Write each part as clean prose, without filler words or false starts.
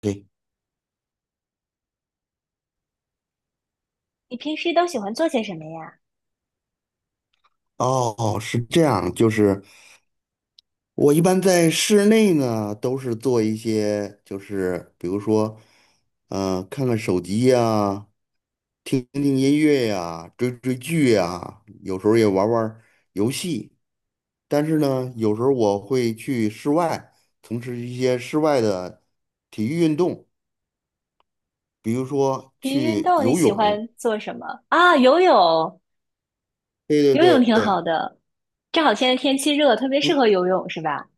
对。你平时都喜欢做些什么呀？哦，是这样，就是我一般在室内呢，都是做一些，就是比如说，看看手机呀，听听音乐呀，追追剧呀，有时候也玩玩游戏。但是呢，有时候我会去室外从事一些室外的体育运动，比如说体育运去动你游喜泳。欢做什么？啊，游泳，对游泳对挺对。好的，正好现在天气热，特别适嗯，合游泳，是吧？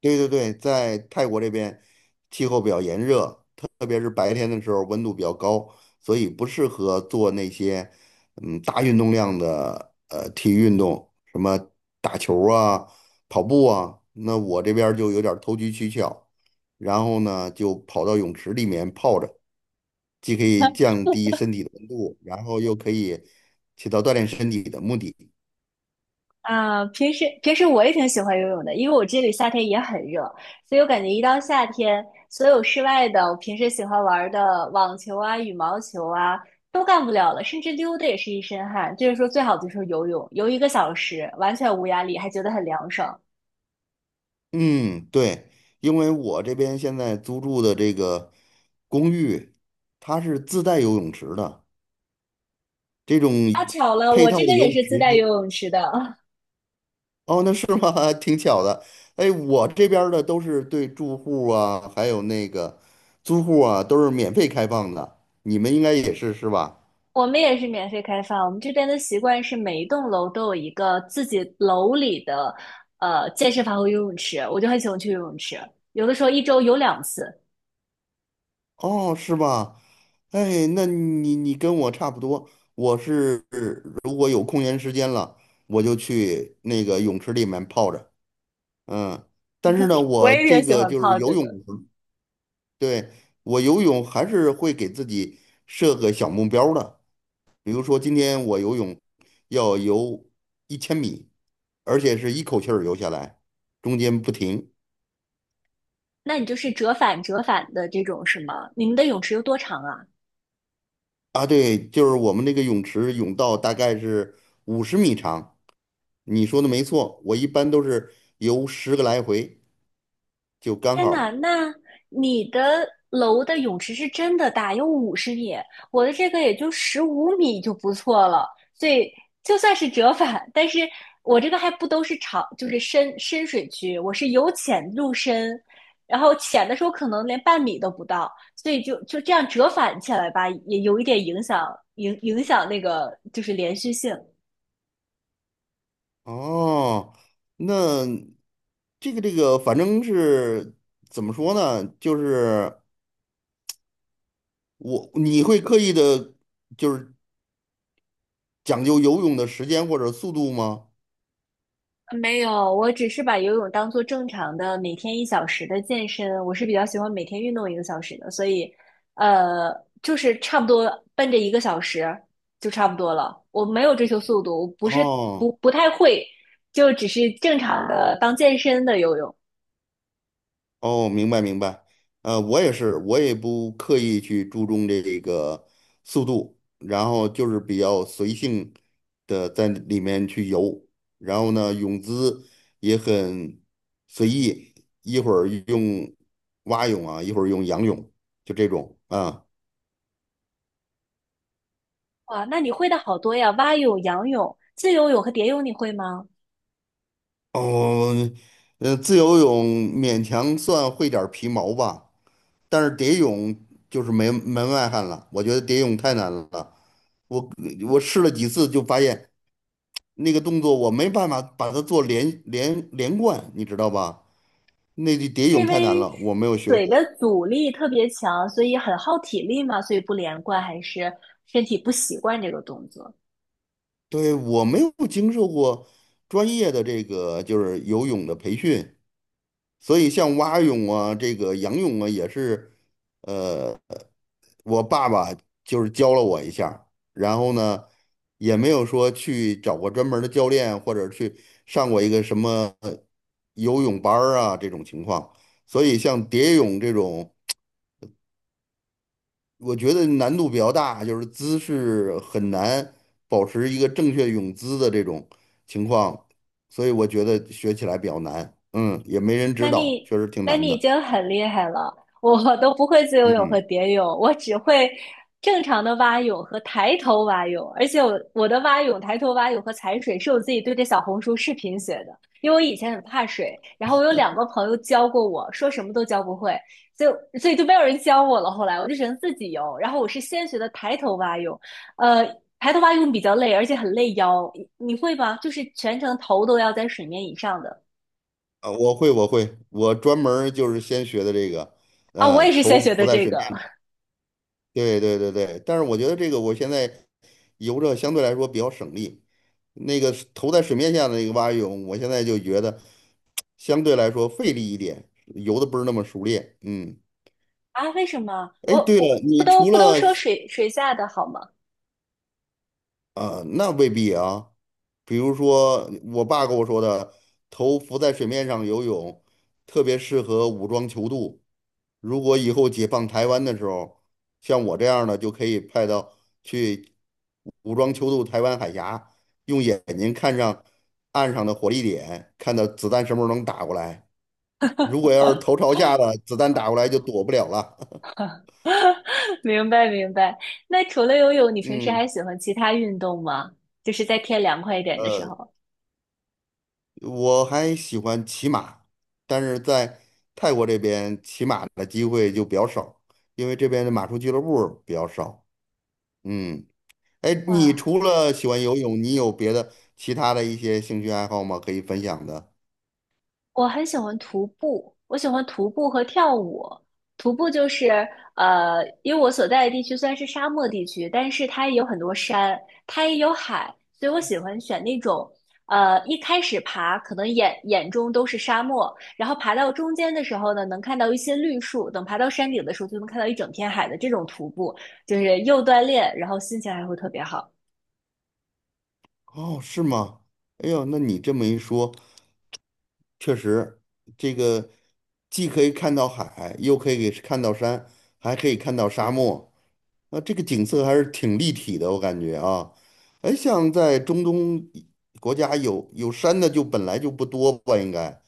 对对对，在泰国这边气候比较炎热，特别是白天的时候温度比较高，所以不适合做那些大运动量的体育运动，什么打球啊、跑步啊。那我这边儿就有点儿投机取巧，然后呢就跑到泳池里面泡着，既可以降低身体的温度，然后又可以起到锻炼身体的目的。啊，平时我也挺喜欢游泳的，因为我这里夏天也很热，所以我感觉一到夏天，所有室外的我平时喜欢玩的网球啊、羽毛球啊都干不了了，甚至溜达也是一身汗。就是说，最好的就是游泳，游一个小时完全无压力，还觉得很凉爽。嗯，对，因为我这边现在租住的这个公寓，它是自带游泳池的，这种啊，巧了，配我套这的边游也泳是自池带游就，泳池的。哦，那是吗？挺巧的。哎，我这边儿的都是对住户啊，还有那个租户啊，都是免费开放的。你们应该也是是吧？我们也是免费开放，我们这边的习惯是每一栋楼都有一个自己楼里的健身房和游泳池，我就很喜欢去游泳池，有的时候一周游两次，哦，是吧？哎，那你跟我差不多，我是如果有空闲时间了，我就去那个泳池里面泡着。嗯，但是呢，我我也这挺喜个欢就是泡游着泳。的。对，我游泳还是会给自己设个小目标儿的，比如说今天我游泳要游1000米，而且是一口气儿游下来，中间不停。那你就是折返折返的这种是吗？你们的泳池有多长啊？啊，对，就是我们那个泳池泳道大概是50米长，你说的没错，我一般都是游10个来回就刚天呐，好。那你的楼的泳池是真的大，有50米，我的这个也就15米就不错了，所以就算是折返，但是我这个还不都是长，就是深水区，我是由浅入深，然后浅的时候可能连半米都不到，所以就这样折返起来吧，也有一点影响，影响那个就是连续性。哦，那这个这个，反正是怎么说呢？就是你会刻意的，就是讲究游泳的时间或者速度吗？没有，我只是把游泳当做正常的每天一小时的健身。我是比较喜欢每天运动一个小时的，所以，呃，就是差不多奔着一个小时就差不多了。我没有追求速度，我不是不哦不太会，就只是正常的当健身的游泳。哦，明白明白，我也是，我也不刻意去注重这个速度，然后就是比较随性的在里面去游，然后呢，泳姿也很随意，一会儿用蛙泳啊，一会儿用仰泳，就这种啊。哇，那你会的好多呀，蛙泳、仰泳、自由泳和蝶泳你会吗？哦，自由泳勉强算会点儿皮毛吧，但是蝶泳就是门外汉了，我觉得蝶泳太难了。我我试了几次就发现那个动作我没办法把它做连贯，你知道吧？那个蝶泳因太难为了，我没有学水过。的阻力特别强，所以很耗体力嘛，所以不连贯，还是身体不习惯这个动作。对，我没有经受过专业的这个就是游泳的培训，所以像蛙泳啊，这个仰泳啊，也是，呃，我爸爸就是教了我一下儿，然后呢，也没有说去找过专门儿的教练，或者去上过一个什么游泳班儿啊这种情况。所以像蝶泳这种，我觉得难度比较大，就是姿势很难保持一个正确泳姿的这种情况，所以我觉得学起来比较难。嗯，也没人那指导，你确实挺那难你已的。经很厉害了，我都不会自由泳和嗯。蝶泳，我只会正常的蛙泳和抬头蛙泳，而且我的蛙泳、抬头蛙泳和踩水是我自己对着小红书视频学的，因为我以前很怕水，然后我有两个朋友教过我，说什么都教不会，所以就没有人教我了。后来我就只能自己游，然后我是先学的抬头蛙泳，呃，抬头蛙泳比较累，而且很累腰，你会吗？就是全程头都要在水面以上的。啊，我会，我会，我专门儿就是先学的这个，啊，我也嗯，是先头学浮的在这水面个。上。对对对对，但是我觉得这个我现在游着相对来说比较省力，那个是头在水面下的那个蛙泳，我现在就觉得相对来说费力一点，游的不是那么熟练。嗯，啊？为什么？我哎，对了，我不你都除不都了说水水下的好吗？啊、那未必啊，比如说我爸跟我说的，头浮在水面上游泳特别适合武装泅渡。如果以后解放台湾的时候，像我这样的就可以派到去武装泅渡台湾海峡，用眼睛看上岸上的火力点，看到子弹什么时候能打过来。如果要是头朝下的，子弹打过来就躲不了了。明白明白。那除了游泳，你平时还嗯，喜欢其他运动吗？就是在天凉快一点的时呃，候。我还喜欢骑马，但是在泰国这边骑马的机会就比较少，因为这边的马术俱乐部比较少。嗯。哎，你啊。除了喜欢游泳，你有别的其他的一些兴趣爱好吗？可以分享的？我很喜欢徒步，我喜欢徒步和跳舞。徒步就是呃，因为我所在的地区虽然是沙漠地区，但是它也有很多山，它也有海，所以我喜欢选那种一开始爬可能眼中都是沙漠，然后爬到中间的时候呢，能看到一些绿树，等爬到山顶的时候就能看到一整片海的这种徒步，就是又锻炼，然后心情还会特别好。哦，是吗？哎呦，那你这么一说，确实，这个既可以看到海，又可以看到山，还可以看到沙漠，那这个景色还是挺立体的，我感觉啊。哎，像在中东国家有山的就本来就不多吧，应该，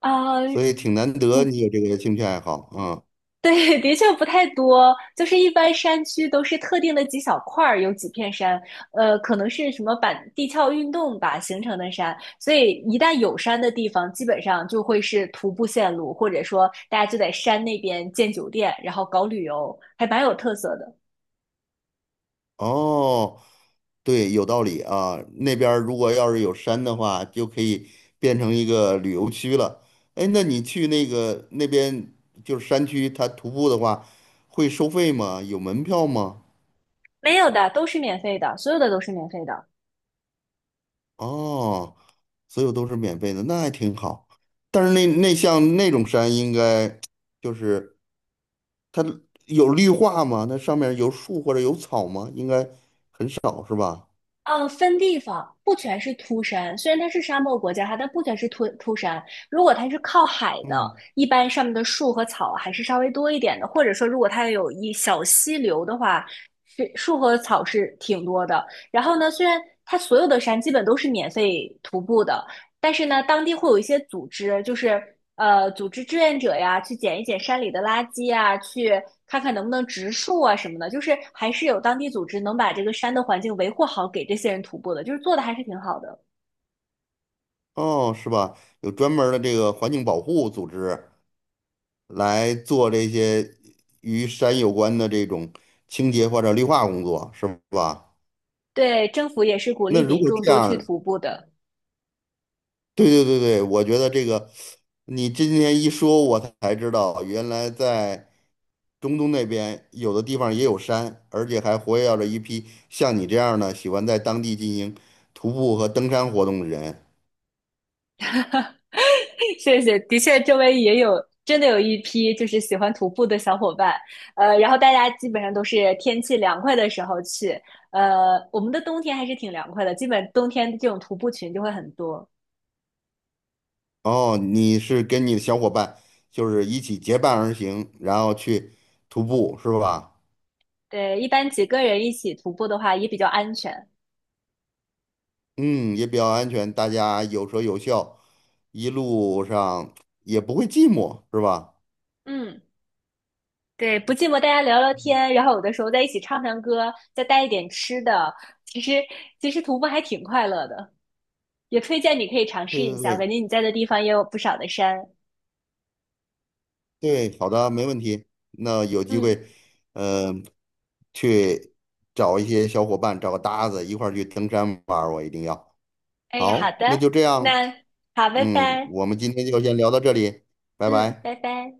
啊，所以挺难得你不。 有这个兴趣爱好啊。对，的确不太多，就是一般山区都是特定的几小块儿，有几片山，可能是什么板地壳运动吧形成的山，所以一旦有山的地方，基本上就会是徒步线路，或者说大家就在山那边建酒店，然后搞旅游，还蛮有特色的。哦，对，有道理啊。那边儿如果要是有山的话，就可以变成一个旅游区了。哎，那你去那个那边就是山区，它徒步的话会收费吗？有门票吗？没有的，都是免费的，所有的都是免费的。哦，所有都是免费的，那还挺好。但是那像那种山，应该就是它有绿化吗？那上面有树或者有草吗？应该少是吧？嗯，分地方，不全是秃山。虽然它是沙漠国家，它但不全是秃山。如果它是靠海的，嗯。一般上面的树和草还是稍微多一点的，或者说如果它有一小溪流的话，是树和草是挺多的。然后呢，虽然它所有的山基本都是免费徒步的，但是呢，当地会有一些组织，就是组织志愿者呀，去捡一捡山里的垃圾啊，去看看能不能植树啊什么的，就是还是有当地组织能把这个山的环境维护好，给这些人徒步的，就是做的还是挺好的。哦，是吧？有专门儿的这个环境保护组织来做这些与山有关的这种清洁或者绿化工作，是吧？对，政府也是鼓那励如民果众这多样去儿徒步的。对对对对，我觉得这个你今天一说，我才知道原来在中东那边有的地方也有山，而且还活跃着一批像你这样的喜欢在当地进行徒步和登山活动的人。谢谢，的确，周围也有真的有一批就是喜欢徒步的小伙伴，然后大家基本上都是天气凉快的时候去，我们的冬天还是挺凉快的，基本冬天这种徒步群就会很多。哦，你是跟你的小伙伴就是一起结伴而行，然后去徒步是吧？对，一般几个人一起徒步的话也比较安全。嗯，也比较安全，大家有说有笑，一路上也不会寂寞是吧？嗯，对，不寂寞，大家聊聊天，然后有的时候在一起唱唱歌，再带一点吃的，其实其实徒步还挺快乐的，也推荐你可以尝试对一对下。我对感觉你在的地方也有不少的山。对，好的，没问题。那有机嗯，会，嗯、去找一些小伙伴，找个搭子一块儿去登山玩儿，我一定要。哎，好好，那的，就这样，那好，拜嗯，拜，我们今天就先聊到这里，拜嗯，拜。拜拜。